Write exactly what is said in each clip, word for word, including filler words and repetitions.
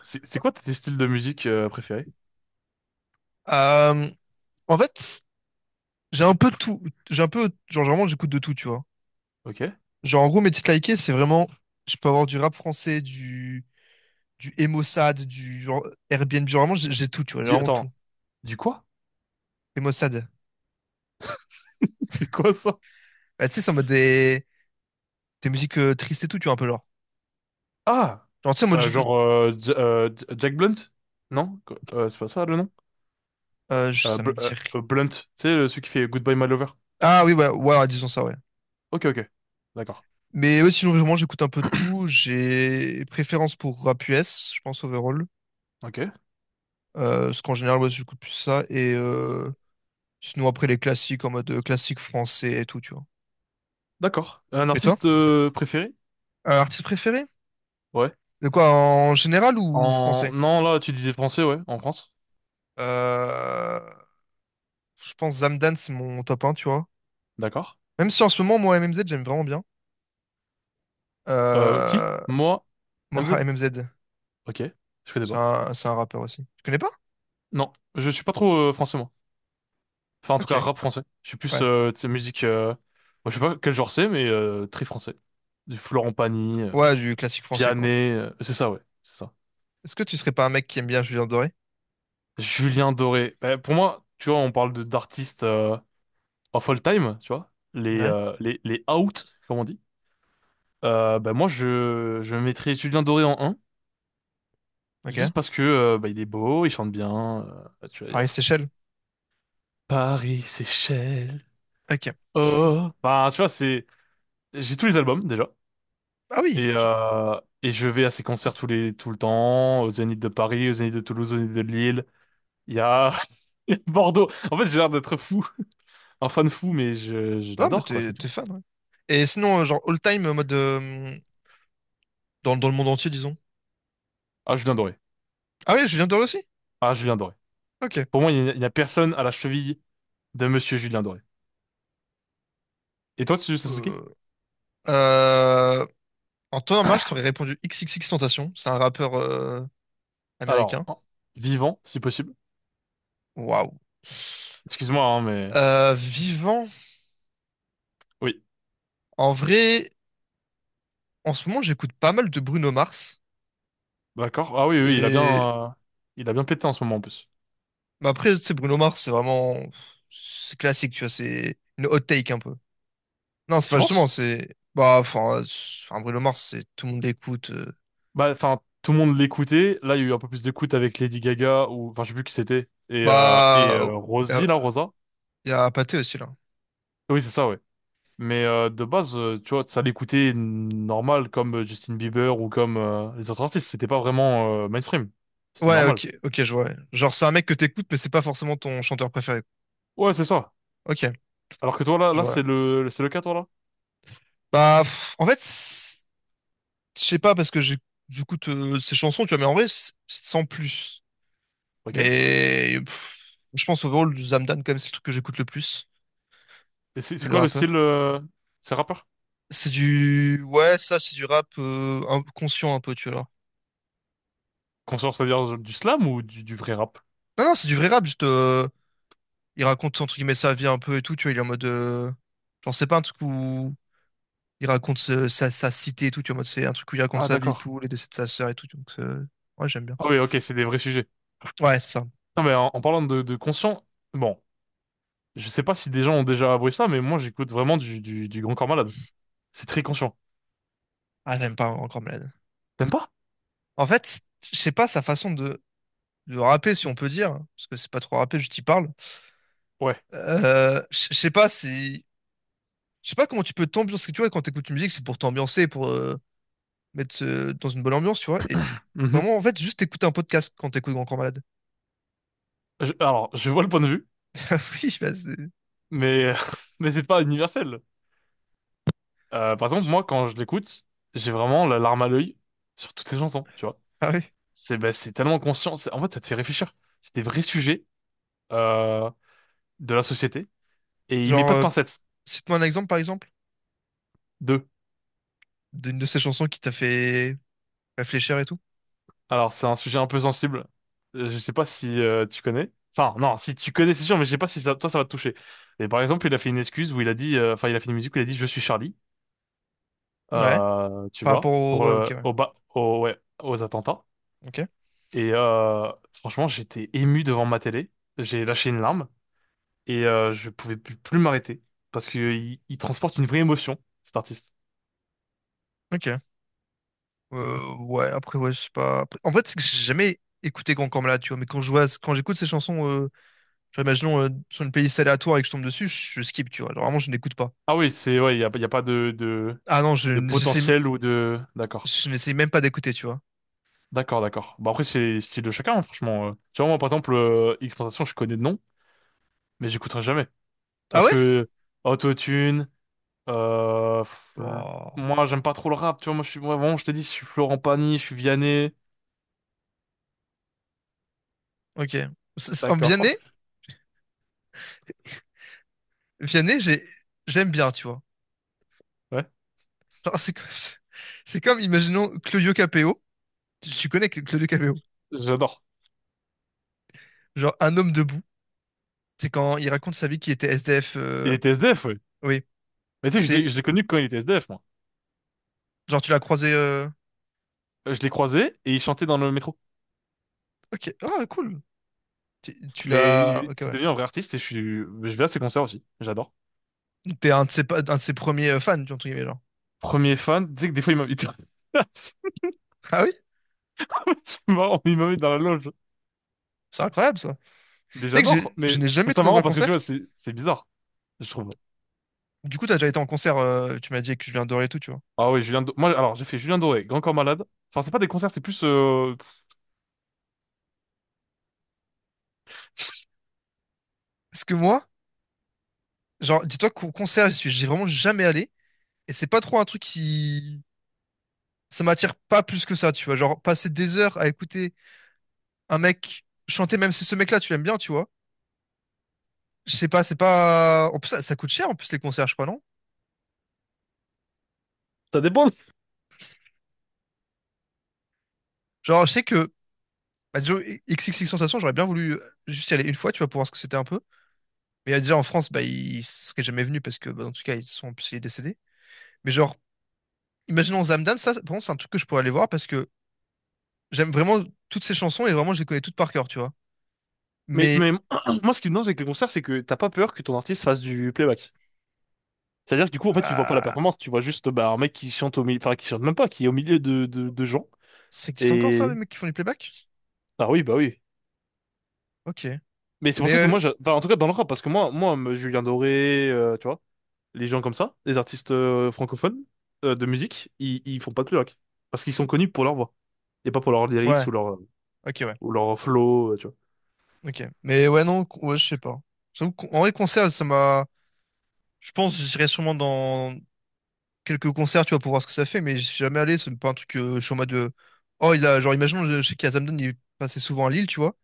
C'est c'est quoi tes styles de musique euh, préférés? Euh, En fait, j'ai un peu de tout. J'ai un peu, genre, vraiment, j'écoute de tout, tu vois. Ok. Genre, en gros, mes titres likés, c'est vraiment, je peux avoir du rap français, du, du Emo Sad, du genre Airbnb. Genre, vraiment, j'ai j'ai tout, tu vois, j'ai Du, vraiment tout. Attends, du quoi? Emo Sad. C'est quoi ça? Bah, tu sais, c'est en mode des, des musiques euh, tristes et tout, tu vois, un peu genre. Ah! Genre, tu sais, en mode, Euh, je- genre, euh, J- euh, J- Jack Blunt? Non? Qu- euh, c'est pas ça le nom? euh, je- Euh, ça me Bl- euh, dit. euh, Blunt, tu sais, le- celui qui fait Goodbye My Lover. Ah oui, ouais, ouais, ouais, disons ça, ouais. Ok, ok. D'accord. Mais ouais, sinon, vraiment, j'écoute un peu de tout. J'ai préférence pour rap U S, je pense, overall. Ok. Euh, parce qu'en général, ouais, j'écoute plus ça. Et euh, sinon, après, les classiques en mode euh, classique français et tout, tu vois. D'accord. Un Et toi? artiste euh, préféré? Euh, artiste préféré? Ouais. De quoi, en général ou En... français? Non, là, tu disais français, ouais, en France. Euh, je pense Zamdan, c'est mon top un, tu vois. D'accord. Même si en ce moment, moi, M M Z, j'aime vraiment bien. Euh, qui? Euh, Moi? M Z? Moha M M Z, Ok. Je fais c'est débat. un, c'est un rappeur aussi. Tu connais pas? Non, je suis pas trop euh, français, moi. Enfin, en tout Ok, cas, rap français. Je suis plus, ouais. euh, tu sais, musique... euh, moi, je sais pas quel genre c'est, mais euh, très français. Du Florent Pagny, euh, Ouais, du classique français, quoi. Vianney... euh, c'est ça, ouais. C'est ça. Est-ce que tu serais pas un mec qui aime bien Julien Doré? Julien Doré. Bah, pour moi, tu vois, on parle de d'artistes euh, of all time, tu vois. Les, Ouais, euh, les, les out, comme on dit. Euh, bah, moi, je, je mettrais Julien Doré en un, ok. juste parce que euh, bah, il est beau, il chante bien. Euh, tu vois, il y Pareil, a Seychelles. Paris, Seychelles... Ok. Oh... Enfin, tu vois, c'est... J'ai tous les albums, déjà. Ah oui. Et, euh, et je vais à ses concerts tous les, tout le temps, aux Zénith de Paris, aux Zénith de Toulouse, aux Zénith de Lille. Il y a il y a Bordeaux. En fait, j'ai l'air d'être fou, un fan fou, mais je, je Ah, bah l'adore, quoi, t'es c'est tout. t'es fan, ouais. Et sinon, euh, genre all time, euh, mode euh, dans, dans le monde entier, disons. Ah, Julien Doré. Ah oui, Julien Doré aussi? Ah, Julien Doré. Ok. Pour moi, il n'y a, il n'y a personne à la cheville de Monsieur Julien Doré. Et toi, tu Sasuke? Euh, euh, En temps normal, je t'aurais répondu X X X Tentation. C'est un rappeur euh, Alors, américain. en- vivant, si possible. Waouh. Excuse-moi, hein, mais Euh, vivant. oui, En vrai, en ce moment, j'écoute pas mal de Bruno Mars. d'accord. Ah oui, oui, il a Mais, bien, euh, il a bien pété en ce moment en plus. mais après, tu sais, Bruno Mars, c'est vraiment. C'est classique, tu vois. C'est une hot take un peu. Non, c'est Tu pas justement, penses? c'est. Bah, enfin, euh, c'est- enfin, Bruno Mars, c'est tout le monde l'écoute. euh. Bah, enfin, tout le monde l'écoutait. Là, il y a eu un peu plus d'écoute avec Lady Gaga ou, enfin, je sais plus qui c'était. Et, euh, et Bah. euh, Il y a, Rosie, là, Rosa. y a Pathé aussi, là. Oui, c'est ça, ouais. Mais euh, de base, euh, tu vois, ça l'écoutait normal comme euh, Justin Bieber ou comme euh, les autres artistes. C'était pas vraiment euh, mainstream. C'était Ouais, normal. ok, ok, je vois. Ouais. Genre, c'est un mec que t'écoutes, mais c'est pas forcément ton chanteur préféré. Ouais, c'est ça. Ok, Alors que toi, là, je là, vois. c'est le, c'est le cas, toi, là. Bah, pff, en fait, c'est- je sais pas parce que j'ai- j'écoute euh, ces chansons, tu vois, mais en vrai, c'est c'est sans plus. Ok. Et Mais pff, je pense overall, du Zamdan, quand même, c'est le truc que j'écoute le plus, c'est c'est le quoi le style, rappeur. euh, c'est rappeur? C'est du. Ouais, ça, c'est du rap euh, un- conscient un peu, tu vois. Qu'on sort, c'est-à-dire du slam ou du, du vrai rap? Non, non, c'est du vrai rap, juste. Euh, il raconte, entre guillemets, sa vie un peu et tout, tu vois, il est en mode. euh, J'en sais pas, un truc où il raconte ce- sa, sa cité et tout, tu vois, en mode, c'est un truc où il raconte Ah, sa vie et d'accord. tout, les décès de sa sœur et tout, donc, euh, ouais, j'aime bien. Ah oui, ok, c'est des vrais sujets. Ouais, c'est ça. Non, mais en, en parlant de, de conscient, bon. Je sais pas si des gens ont déjà avoué ça, mais moi j'écoute vraiment du, du, du Grand Corps Malade. C'est très conscient. Ah, j'aime pas encore malade. T'aimes pas? En fait, je sais pas sa façon de, de rapper, si on peut dire, hein, parce que c'est pas trop rapper, je t'y parle. Ouais. Euh, je je sais pas si, je sais pas comment tu peux t'ambiancer. Parce que tu vois, quand t'écoutes une musique, c'est pour t'ambiancer, pour euh, mettre euh, dans une bonne ambiance, tu vois. Et Mhm. vraiment, en fait, juste écouter un podcast quand t'écoutes Grand Corps Malade. Je- alors, je vois le point de vue, Ah oui, bah c'est. mais, mais c'est pas universel. Euh, par exemple, moi quand je l'écoute, j'ai vraiment la larme à l'œil sur toutes ces chansons, tu vois. Ah oui. C'est ben, c'est tellement conscient, c'est- en fait ça te fait réfléchir. C'est des vrais sujets euh, de la société, et il met Genre, pas de euh, pincettes. cite-moi un exemple, par exemple, d'une de ces chansons qui t'a fait réfléchir et tout. Alors, c'est un sujet un peu sensible. Euh, Je sais pas si euh, tu connais. Enfin, non, si tu connais, c'est sûr, mais je sais pas si ça, toi, ça va te toucher. Mais par exemple, il a fait une excuse où il a dit, euh, enfin, il a fait une musique où il a dit, je suis Charlie, Ouais. euh, tu Par vois, rapport pour au. Ouais, euh, ok, ouais. au ba- au- ouais, aux attentats. Ok. Et euh, franchement, j'étais ému devant ma télé. J'ai lâché une larme et euh, je pouvais plus, plus m'arrêter parce que il, il transporte une vraie émotion, cet artiste. Ok. Euh, ouais, après, ouais, je sais pas. Après- En fait, c'est que j'ai jamais écouté Grand Corps, tu vois. Mais quand je vois, quand j'écoute ces chansons, euh, genre, imaginons euh, sur une playlist aléatoire et que je tombe dessus, je, je skip, tu vois. Genre, vraiment, je n'écoute pas. Ah oui, c'est ouais, il y a, il y a pas de, de Ah non, je de n'essaie, potentiel ou de. D'accord. je n'essaie même pas d'écouter, tu vois. D'accord, d'accord. Bah après, c'est style de chacun, hein, franchement. euh. Tu vois, moi, par exemple, euh, X-Tentation, je connais de nom, mais j'écouterai jamais. Ah Parce ouais? que Autotune, euh, pff, le- Oh, moi, j'aime pas trop le rap, tu vois. Moi, je suis, moi, vraiment, je t'ai dit, je suis Florent Pagny, je suis Vianney. ok. C'est- c'est- En D'accord. Vianney, Vianney, j'ai, j'aime bien, tu vois. Ouais, Genre, c'est, comme- c'est comme, imaginons Claudio Capéo. Tu tu connais que- Claudio Capéo? j'adore. Genre, un homme debout. C'est quand il raconte sa vie qu'il était S D F. Il euh, était S D F, ouais. Oui. Mais tu sais, que je l'ai, C'est, je l'ai connu quand il était S D F, moi. genre, tu l'as croisé. euh, Euh, Je l'ai croisé et il chantait dans le métro. Ok, ah cool. Tu, tu Mais l'as. il- Ok, C'est ouais. devenu un vrai artiste et je suis, je vais à ses concerts aussi. J'adore. Donc, t'es un de ses, pa- un de ses premiers euh, fans, tu vois, entre guillemets, genre. Premier fan, tu sais que des fois, il m'invite. Ah oui? C'est marrant, il m'invite dans la loge. C'est incroyable, ça. Mais Tu sais que j'adore, j'ai- mais je n'ai je jamais trouve ça été dans marrant un parce que tu concert. vois, c'est c'est bizarre, je trouve. Du coup, t'as déjà été en concert, euh, tu m'as dit que je viens et tout, tu vois. Ah oui, Julien Do- moi, alors, j'ai fait Julien Doré, Grand Corps Malade. Enfin, c'est pas des concerts, c'est plus... euh, pff, Parce que moi, genre, dis-toi qu'au concert, je suis, j'ai vraiment jamais allé. Et c'est pas trop un truc qui. Ça m'attire pas plus que ça, tu vois. Genre, passer des heures à écouter un mec chanter, même si ce mec-là, tu l'aimes bien, tu vois. Je sais pas, c'est pas. En plus, ça, ça coûte cher, en plus, les concerts, je crois, non? ça dépend. Genre, je sais que. Bah, Joe, X X X Sensation, j'aurais bien voulu euh, juste y aller une fois, tu vois, pour voir ce que c'était un peu. Mais euh, déjà en France, bah, il serait jamais venu parce que, bah, en tout cas, ils sont, en plus, il est décédé. Mais genre, imaginons Zamdan, ça, par contre, c'est un truc que je pourrais aller voir parce que j'aime vraiment toutes ces chansons et vraiment, je les connais toutes par cœur, tu vois. Mais, Mais mais moi, ce qui me dérange avec les concerts, c'est que t'as pas peur que ton artiste fasse du playback. C'est-à-dire que du coup, en fait, tu vois pas la euh, performance, tu vois juste bah, un mec qui chante au milieu... Enfin, qui chante même pas, qui est au milieu de, de, de gens. ça existe encore ça, les Et... mecs qui font du playback? Ah oui, bah oui. Ok. Mais c'est pour Mais ça que euh, moi, j'a- enfin, en tout cas, dans le rap, parce que moi, moi, me- Julien Doré, euh, tu vois, les gens comme ça, les artistes euh, francophones euh, de musique, ils, ils font pas de rock. Parce qu'ils sont connus pour leur voix. Et pas pour leurs lyrics ouais, ou leur, ok, ouais, ou leur flow, euh, tu vois. ok. Mais ouais, non, con- ouais, je sais pas. J'avoue qu'en- en vrai, concert, ça m'a. Je pense, que j'irai sûrement dans quelques concerts, tu vois, pour voir ce que ça fait, mais je suis jamais allé, c'est pas un truc, euh, je suis en mode. euh, Oh, il a, genre, imaginons, je je sais qu'il y a Zamdan, il passait souvent à Lille, tu vois.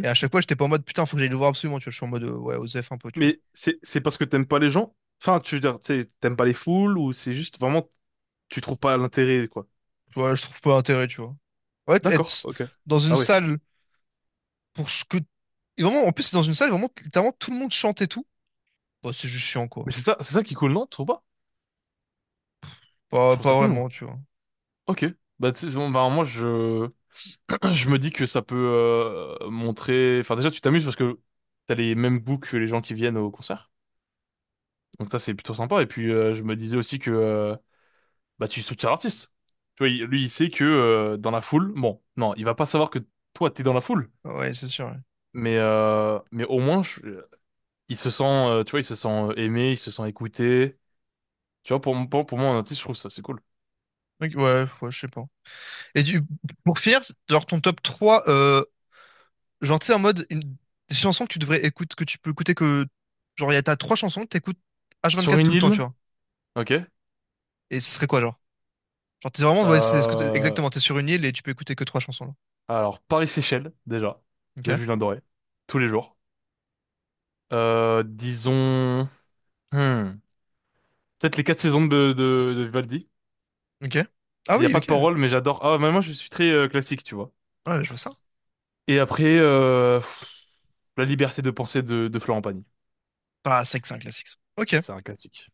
Et à chaque fois, j'étais pas en mode putain, faut que j'aille le voir absolument, tu vois. Je suis en mode euh, ouais, Osef un peu, tu vois. Mais c'est, c'est parce que t'aimes pas les gens. Enfin, tu veux dire, tu sais, t'aimes pas les foules ou c'est juste vraiment, tu trouves pas l'intérêt, quoi. Tu vois, je trouve pas l'intérêt, tu vois. Ouais, t- D'accord, être ok. dans une Ah ouais. salle pour ce que. Et vraiment, en plus, c'est dans une salle, vraiment, littéralement, tout le monde chante et tout. Bah, c'est juste chiant, quoi. Mais c'est ça, c'est ça qui est cool, non? Tu trouves pas? Je Pas, trouve ça pas cool, vraiment, moi. tu vois. Ok. Bah, tu sais, bon, bah, moi, je... je me dis que ça peut euh, montrer... Enfin, déjà, tu t'amuses parce que t'as les mêmes goûts que les gens qui viennent au concert. Donc ça, c'est plutôt sympa. Et puis, euh, je me disais aussi que euh, bah, tu soutiens l'artiste. Tu vois, il- lui, il sait que euh, dans la foule, bon, non, il va pas savoir que toi, t'es dans la foule. Ah ouais, c'est sûr. Ouais, Mais, euh, mais au moins, je- il se sent, euh, tu vois, il se sent euh, aimé, il se sent écouté. Tu vois, pour, m- pour, pour moi, un artiste, je trouve ça, c'est cool. donc, ouais, ouais, je sais pas. Et du... pour finir, genre ton top trois, euh, genre, tu sais, en mode, une... des chansons que tu devrais écouter, que tu peux écouter que. Genre, il y a t'as trois chansons que t'écoutes Sur H vingt-quatre une tout le temps, tu île, vois. ok. Et ce serait quoi, genre? Genre, t'es vraiment, ouais, c'est ce que t'es- Euh, exactement, t'es sur une île et tu peux écouter que trois chansons, là. alors, Paris-Séchelles, déjà, Ok, de Julien Doré, tous les jours. Euh, disons, hmm, peut-être les quatre saisons de, de, de Vivaldi. ok. Ah Il n'y a oui, pas de ok. parole, mais j'adore. Ah, mais moi, je suis très euh, classique, tu vois. Ouais, je vois ça. Et après, euh, pff, la liberté de penser de, de Florent Pagny. Bah, c'est que c'est un classique, ça. Ok. C'est un classique.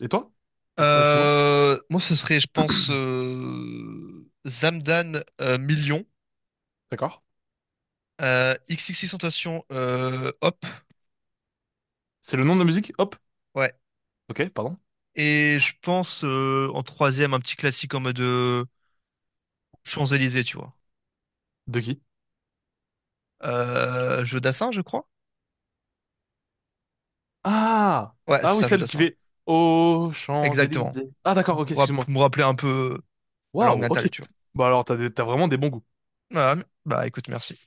Et toi? Oh, pas- Excuse-moi. Euh, moi, ce serait, je pense, euh, Zamdan euh, Million, D'accord. euh, XXXTentacion, euh, Hop. C'est le nom de la musique? Hop. Ouais. Ok, pardon. Et je pense, euh, en troisième, un petit classique en mode euh, Champs-Élysées, tu vois. De qui? Euh, Jeu Dassin, je crois. Ah! Ouais, c'est Ah oui, ça, Jeu celle qui Dassin. Ouais. fait aux Exactement. Champs-Élysées. Ah d'accord, ok, Pour rapp- excuse-moi. me rappeler un peu euh, ma langue Waouh, ok. natale, tu vois. Bah alors, t'as des- t'as vraiment des bons goûts. Voilà. Bah, écoute, merci.